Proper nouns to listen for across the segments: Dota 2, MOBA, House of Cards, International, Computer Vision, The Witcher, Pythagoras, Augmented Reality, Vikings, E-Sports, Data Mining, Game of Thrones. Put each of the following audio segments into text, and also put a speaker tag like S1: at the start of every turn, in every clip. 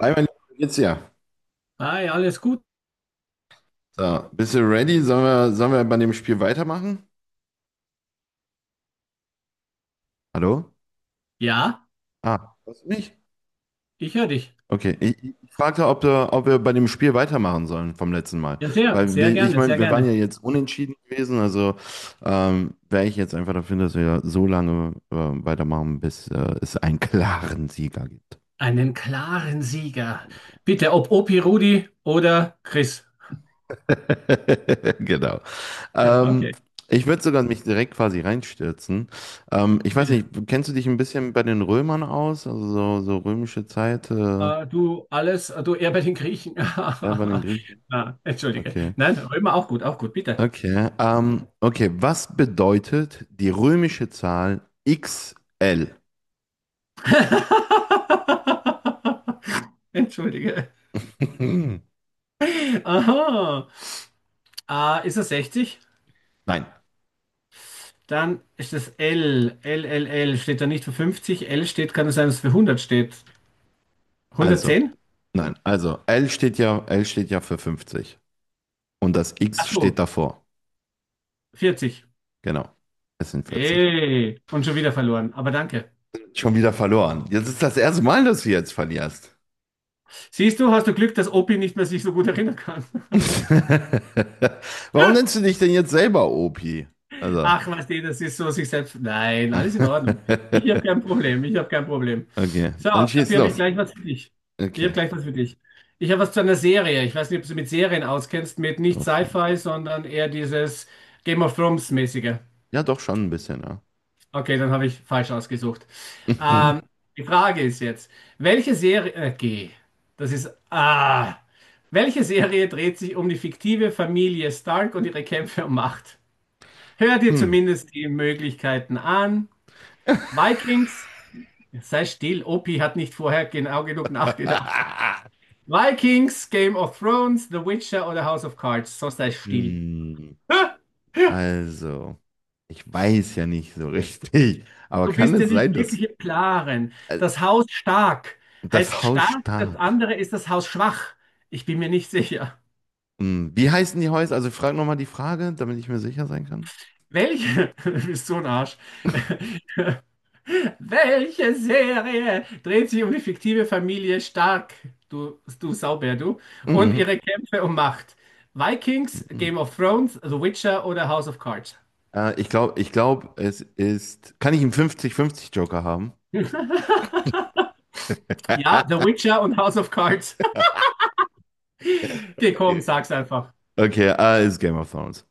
S1: Hi, mein Lieber, wie geht's dir?
S2: Hi, alles gut?
S1: So, bist du ready? Sollen wir bei dem Spiel weitermachen? Hallo?
S2: Ja,
S1: Ah, hörst du mich?
S2: ich höre dich.
S1: Okay, ich fragte, ob wir bei dem Spiel weitermachen sollen vom letzten Mal.
S2: Ja, sehr,
S1: Weil
S2: sehr
S1: wir, ich
S2: gerne,
S1: meine,
S2: sehr
S1: wir waren ja
S2: gerne.
S1: jetzt unentschieden gewesen, also wäre ich jetzt einfach dafür, dass wir so lange weitermachen, bis es einen klaren Sieger gibt.
S2: Einen klaren Sieger. Bitte, ob Opi, Rudi oder Chris.
S1: Genau.
S2: Ja,
S1: Ähm,
S2: Okay,
S1: ich würde sogar mich direkt quasi reinstürzen. Ich weiß
S2: bitte.
S1: nicht, kennst du dich ein bisschen bei den Römern aus? Also so römische Zeit,
S2: Du alles, du eher bei den Griechen.
S1: ja, bei den Griechen?
S2: Ah, entschuldige.
S1: Okay.
S2: Nein, Römer auch gut, bitte.
S1: Okay. Okay, was bedeutet die römische Zahl XL?
S2: Entschuldige. Aha. Ah, ist er 60?
S1: Nein,
S2: Dann ist das L. L steht da nicht für 50. L steht, kann es sein, dass es für 100 steht.
S1: also,
S2: 110?
S1: nein, also L steht ja für 50 und das
S2: Ach
S1: X steht
S2: so.
S1: davor.
S2: 40.
S1: Genau. Es sind 40.
S2: Ey, und schon wieder verloren, aber danke.
S1: Schon wieder verloren. Jetzt ist das erste Mal, dass du jetzt verlierst.
S2: Siehst du, hast du Glück, dass Opi nicht mehr sich so gut erinnern kann.
S1: Warum nennst du dich denn jetzt selber Opi? Also.
S2: Ach, was die, das ist so sich selbst. Nein, alles in Ordnung. Ich habe kein Problem.
S1: Okay,
S2: So,
S1: dann schieß
S2: dafür habe ich
S1: los.
S2: gleich was für dich. Ich habe
S1: Okay,
S2: gleich was für dich. Ich habe was zu einer Serie. Ich weiß nicht, ob du mit Serien auskennst, mit nicht
S1: doch schon.
S2: Sci-Fi, sondern eher dieses Game of Thrones-mäßige.
S1: Ja, doch schon ein bisschen, ja.
S2: Okay, dann habe ich falsch ausgesucht. Ähm, die Frage ist jetzt, welche Serie, G, das ist, ah, welche Serie dreht sich um die fiktive Familie Stark und ihre Kämpfe um Macht? Hör dir
S1: Hm.
S2: zumindest die Möglichkeiten an. Vikings, sei still, Opi hat nicht vorher genau genug nachgedacht. Vikings, Game of Thrones, The Witcher oder House of Cards, sonst sei still.
S1: Hm. Also, ich weiß ja nicht so richtig, aber
S2: Du
S1: kann
S2: bist ja
S1: es
S2: nicht
S1: sein, dass
S2: wirklich im Klaren.
S1: äh,
S2: Das Haus stark heißt
S1: das Haus
S2: stark, das
S1: stark.
S2: andere ist das Haus schwach. Ich bin mir nicht sicher.
S1: Hm, wie heißen die Häuser? Also, frag nochmal die Frage, damit ich mir sicher sein kann.
S2: Welche? Du bist so ein Arsch. Welche Serie dreht sich um die fiktive Familie Stark, du Saubär, du, und
S1: Mhm.
S2: ihre Kämpfe um Macht? Vikings,
S1: Mhm.
S2: Game of Thrones, The Witcher oder House of Cards?
S1: Ich glaub, es ist. Kann ich einen 50-50 Joker haben?
S2: Ja, The Witcher und House of Cards. Geh, komm,
S1: Okay.
S2: sag's einfach.
S1: Okay, ah, ist Game of Thrones.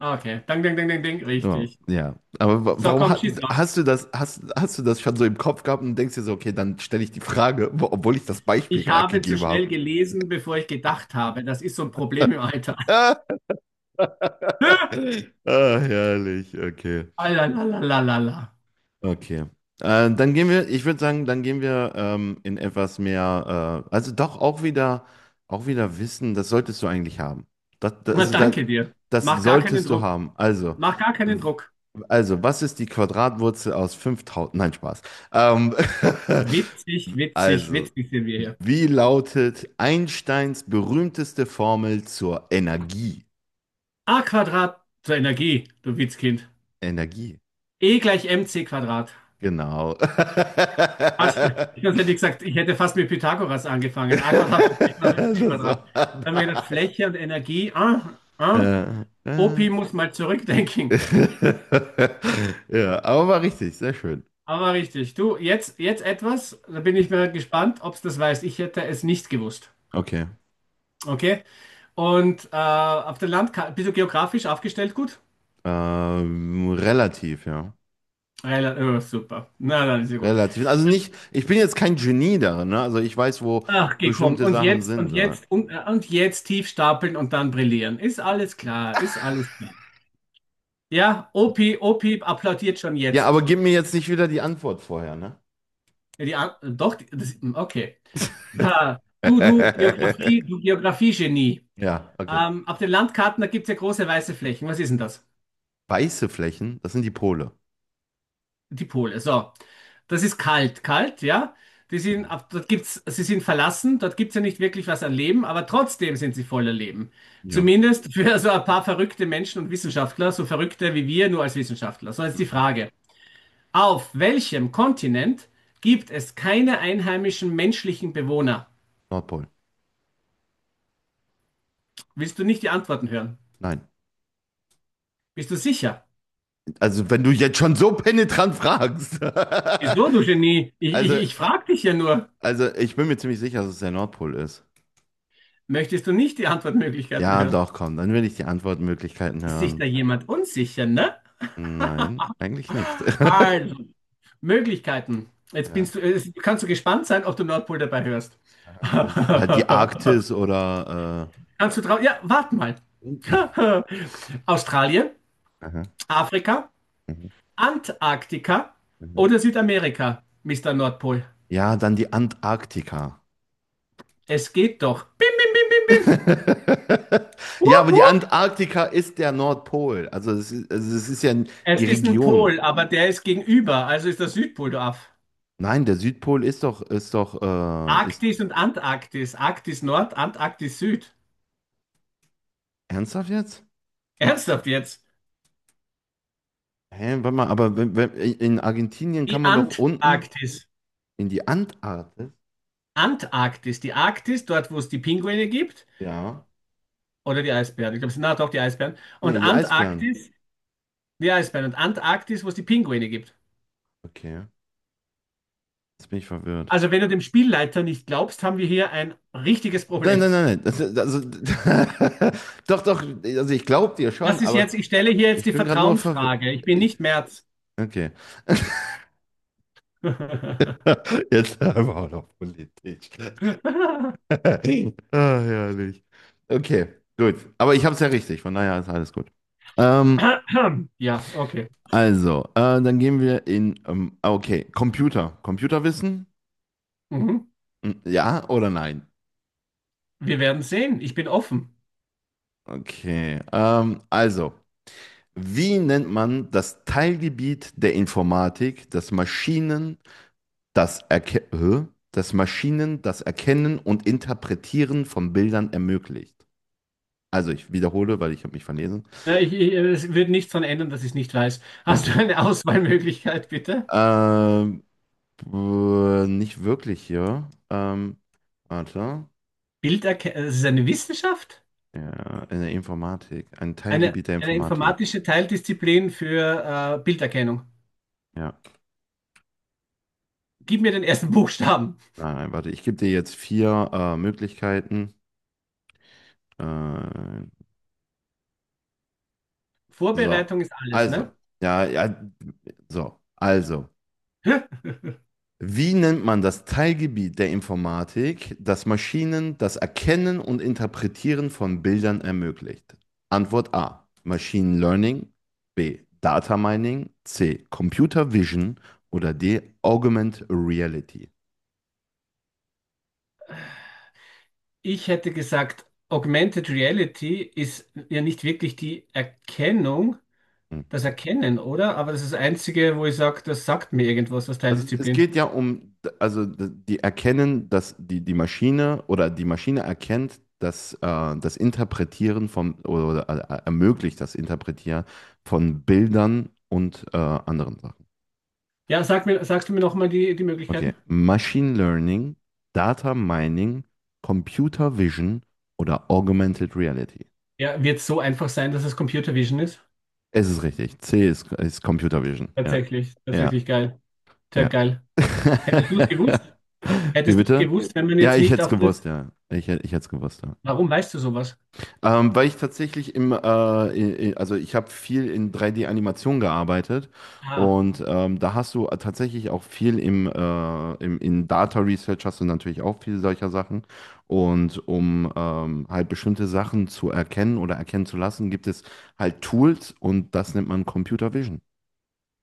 S2: Okay, dang, dang, dang, dang, dang,
S1: Ja,
S2: richtig.
S1: ja. Aber
S2: So,
S1: warum
S2: komm,
S1: hat,
S2: schieß los.
S1: hast du das, hast, hast du das schon so im Kopf gehabt und denkst dir so, okay, dann stelle ich die Frage, obwohl ich das Beispiel
S2: Ich
S1: gerade
S2: habe zu
S1: gegeben
S2: schnell
S1: habe.
S2: gelesen, bevor ich gedacht habe. Das ist so ein Problem im Alter.
S1: Ah, herrlich, okay.
S2: Alalalala.
S1: Okay. Dann gehen wir, ich würde sagen, dann gehen wir in etwas mehr, also doch auch wieder Wissen, das solltest du eigentlich haben. Das, das,
S2: Na,
S1: also das,
S2: danke dir.
S1: das
S2: Mach gar keinen
S1: solltest du
S2: Druck.
S1: haben.
S2: Mach gar keinen
S1: W-
S2: Druck.
S1: also, was ist die Quadratwurzel aus 5.000? Nein, Spaß. Ähm,
S2: Witzig, witzig,
S1: also,
S2: witzig sind wir hier.
S1: wie lautet Einsteins berühmteste Formel zur Energie?
S2: A Quadrat zur Energie, du Witzkind.
S1: Energie,
S2: E gleich mc Quadrat.
S1: genau.
S2: Hast du- Ich hätte gesagt, ich hätte fast mit Pythagoras angefangen. A Quadrat plus B Quadrat ist
S1: Das
S2: C Quadrat. Dann haben wir gedacht,
S1: war
S2: Fläche und Energie. Ah, ah.
S1: äh, äh.
S2: Opi muss mal zurückdenken.
S1: Ja, aber war richtig, sehr schön.
S2: Aber richtig. Du, jetzt, jetzt etwas, da bin ich mal gespannt, ob du das weißt. Ich hätte es nicht gewusst.
S1: Okay.
S2: Okay? Und auf dem Land ka- bist du geografisch aufgestellt gut?
S1: Relativ, ja.
S2: Rela- Oh, super. Na, dann ist ja gut.
S1: Relativ. Also nicht, ich bin jetzt kein Genie darin, ne? Also ich weiß, wo
S2: Ach, gekommen.
S1: bestimmte
S2: Und
S1: Sachen
S2: jetzt, und
S1: sind. Ja,
S2: jetzt, und jetzt tief stapeln und dann brillieren. Ist alles klar, ist alles klar. Ja, Opi, Opi applaudiert schon
S1: ja, aber
S2: jetzt.
S1: gib mir jetzt nicht wieder die Antwort vorher, ne?
S2: Ja, die, an- doch, die- das, hm, okay. Da, Geografie, du Geografie-Genie.
S1: Ja, okay.
S2: Auf den Landkarten, da gibt es ja große weiße Flächen. Was ist denn das?
S1: Weiße Flächen, das sind die Pole.
S2: Die Pole, so. Das ist kalt, kalt, ja. Die sind,
S1: Mhm.
S2: ab- dort gibt's, sie sind verlassen, dort gibt es ja nicht wirklich was an Leben, aber trotzdem sind sie voller Leben.
S1: Ja.
S2: Zumindest für so ein paar verrückte Menschen und Wissenschaftler, so verrückte wie wir, nur als Wissenschaftler. So jetzt die
S1: Mhm.
S2: Frage. Auf welchem Kontinent gibt es keine einheimischen menschlichen Bewohner?
S1: Nordpol.
S2: Willst du nicht die Antworten hören?
S1: Nein.
S2: Bist du sicher?
S1: Also, wenn du jetzt schon so penetrant fragst.
S2: Wieso, du Genie? Ich,
S1: Also,
S2: ich, ich frage dich ja nur.
S1: also ich bin mir ziemlich sicher, dass es der Nordpol ist.
S2: Möchtest du nicht die Antwortmöglichkeiten
S1: Ja,
S2: hören?
S1: doch, komm, dann will ich die Antwortmöglichkeiten
S2: Ist sich
S1: hören.
S2: da jemand unsicher, ne?
S1: Nein, eigentlich nicht.
S2: Also, Möglichkeiten. Jetzt
S1: Ja.
S2: binst du, jetzt kannst du gespannt sein, ob du Nordpol dabei hörst.
S1: Aha. Ist halt die Arktis oder
S2: Kannst du drauf? Ja, warte mal.
S1: äh,
S2: Australien,
S1: aha,
S2: Afrika,
S1: mhm,
S2: Antarktika
S1: mhm.
S2: oder Südamerika, Mister Nordpol.
S1: Ja, dann die Antarktika.
S2: Es geht doch. Bim, bim, bim, bim, bim.
S1: Ja,
S2: Wupp,
S1: aber die
S2: wupp.
S1: Antarktika ist der Nordpol. Also es ist ja
S2: Es
S1: die
S2: ist ein
S1: Region.
S2: Pol, aber der ist gegenüber, also ist der Südpol, du Aff.
S1: Nein, der Südpol ist doch, ist
S2: Arktis und Antarktis. Arktis Nord, Antarktis Süd.
S1: ernsthaft jetzt?
S2: Ernsthaft jetzt?
S1: Hä, warte mal, aber wenn in Argentinien kann
S2: Die
S1: man doch unten
S2: Antarktis.
S1: in die Antarktis?
S2: Antarktis. Die Arktis, dort, wo es die Pinguine gibt,
S1: Ja.
S2: oder die Eisbären. Ich glaube, es sind, na doch, die Eisbären. Und
S1: Nee, die Eisbären.
S2: Antarktis, die Eisbären. Und Antarktis, wo es die Pinguine gibt.
S1: Okay, jetzt bin ich verwirrt.
S2: Also, wenn du dem Spielleiter nicht glaubst, haben wir hier ein richtiges
S1: Nein,
S2: Problem.
S1: nein, nein, nein. Das, also, doch, doch, also ich glaube dir schon,
S2: Das ist
S1: aber
S2: jetzt, ich stelle hier jetzt
S1: ich
S2: die
S1: bin gerade nur verwirrt.
S2: Vertrauensfrage. Ich bin
S1: Ich,
S2: nicht Merz.
S1: okay. Jetzt aber auch noch Politik. Ah, herrlich. Okay, gut. Aber ich habe es ja richtig, von daher ist alles gut. Ähm,
S2: Ja, okay.
S1: also, dann gehen wir in, ah, okay, Computer. Computerwissen?
S2: Mhm.
S1: Hm, ja oder nein?
S2: Wir werden sehen. Ich bin offen.
S1: Okay. Also, wie nennt man das Teilgebiet der Informatik, das Maschinen, das Erkennen und Interpretieren von Bildern ermöglicht? Also, ich wiederhole, weil ich habe mich verlesen.
S2: Ja, es wird nichts daran ändern, dass ich es nicht weiß. Hast du
S1: Okay.
S2: eine Auswahlmöglichkeit, bitte?
S1: Ähm, nicht wirklich, ja. Warte.
S2: Bilderkennung, das ist eine Wissenschaft?
S1: Ja, in der Informatik. Ein Teilgebiet der
S2: Eine
S1: Informatik.
S2: informatische Teildisziplin für Bilderkennung.
S1: Ja.
S2: Gib mir den ersten Buchstaben.
S1: Nein, warte, ich gebe dir jetzt vier Möglichkeiten. Äh, so.
S2: Vorbereitung ist alles,
S1: Also.
S2: ne?
S1: Ja, ja. So. Also. Wie nennt man das Teilgebiet der Informatik, das Maschinen das Erkennen und Interpretieren von Bildern ermöglicht? Antwort A. Machine Learning. B. Data Mining. C. Computer Vision. Oder D. Augmented Reality.
S2: Ich hätte gesagt, Augmented Reality ist ja nicht wirklich die Erkennung,
S1: Hm.
S2: das Erkennen, oder? Aber das ist das Einzige, wo ich sage, das sagt mir irgendwas, das
S1: Also es
S2: Teildisziplin.
S1: geht ja um, also die erkennen, dass die Maschine oder die Maschine erkennt, dass das Interpretieren von oder ermöglicht das Interpretieren von Bildern und anderen Sachen.
S2: Ja, sag mir, sagst du mir nochmal die
S1: Okay,
S2: Möglichkeiten?
S1: Machine Learning, Data Mining, Computer Vision oder Augmented Reality.
S2: Ja, wird so einfach sein, dass es Computer Vision ist?
S1: Es ist richtig. C ist Computer Vision. Ja,
S2: Tatsächlich,
S1: ja.
S2: tatsächlich geil. Sehr
S1: Ja.
S2: geil. Hättest du es gewusst?
S1: Wie
S2: Hättest du es
S1: bitte?
S2: gewusst, wenn man
S1: Ja,
S2: jetzt
S1: ich
S2: nicht
S1: hätte es
S2: auf
S1: gewusst,
S2: das.
S1: ja. Ich hätte es gewusst, ja.
S2: Warum weißt du sowas?
S1: Weil ich tatsächlich also ich habe viel in 3D-Animation gearbeitet
S2: Ah.
S1: und da hast du tatsächlich auch viel in Data Research hast du natürlich auch viel solcher Sachen und um halt bestimmte Sachen zu erkennen oder erkennen zu lassen, gibt es halt Tools und das nennt man Computer Vision.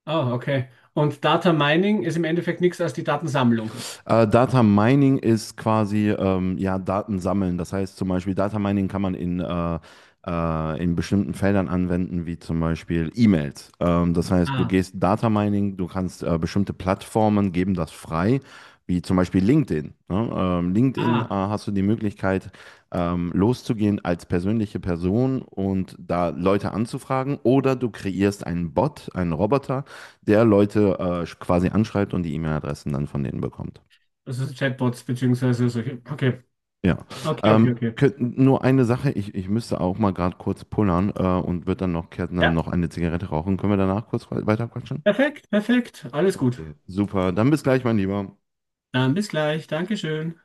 S2: Ah, okay. Und Data Mining ist im Endeffekt nichts als die Datensammlung.
S1: Data Mining ist quasi ja, Daten sammeln. Das heißt zum Beispiel, Data Mining kann man in bestimmten Feldern anwenden, wie zum Beispiel E-Mails. Das heißt, du
S2: Ah,
S1: gehst Data Mining, du kannst bestimmte Plattformen geben das frei, wie zum Beispiel LinkedIn. Ne? LinkedIn
S2: ah,
S1: hast du die Möglichkeit, loszugehen als persönliche Person und da Leute anzufragen oder du kreierst einen Bot, einen Roboter, der Leute quasi anschreibt und die E-Mail-Adressen dann von denen bekommt.
S2: das ist Chatbots beziehungsweise solche. Okay,
S1: Ja,
S2: okay, okay, okay.
S1: nur eine Sache, ich müsste auch mal gerade kurz pullern und wird dann noch, Kärtner
S2: Ja,
S1: noch eine Zigarette rauchen. Können wir danach kurz weiter quatschen?
S2: perfekt, perfekt. Alles gut.
S1: Okay, super. Dann bis gleich, mein Lieber.
S2: Dann bis gleich. Dankeschön.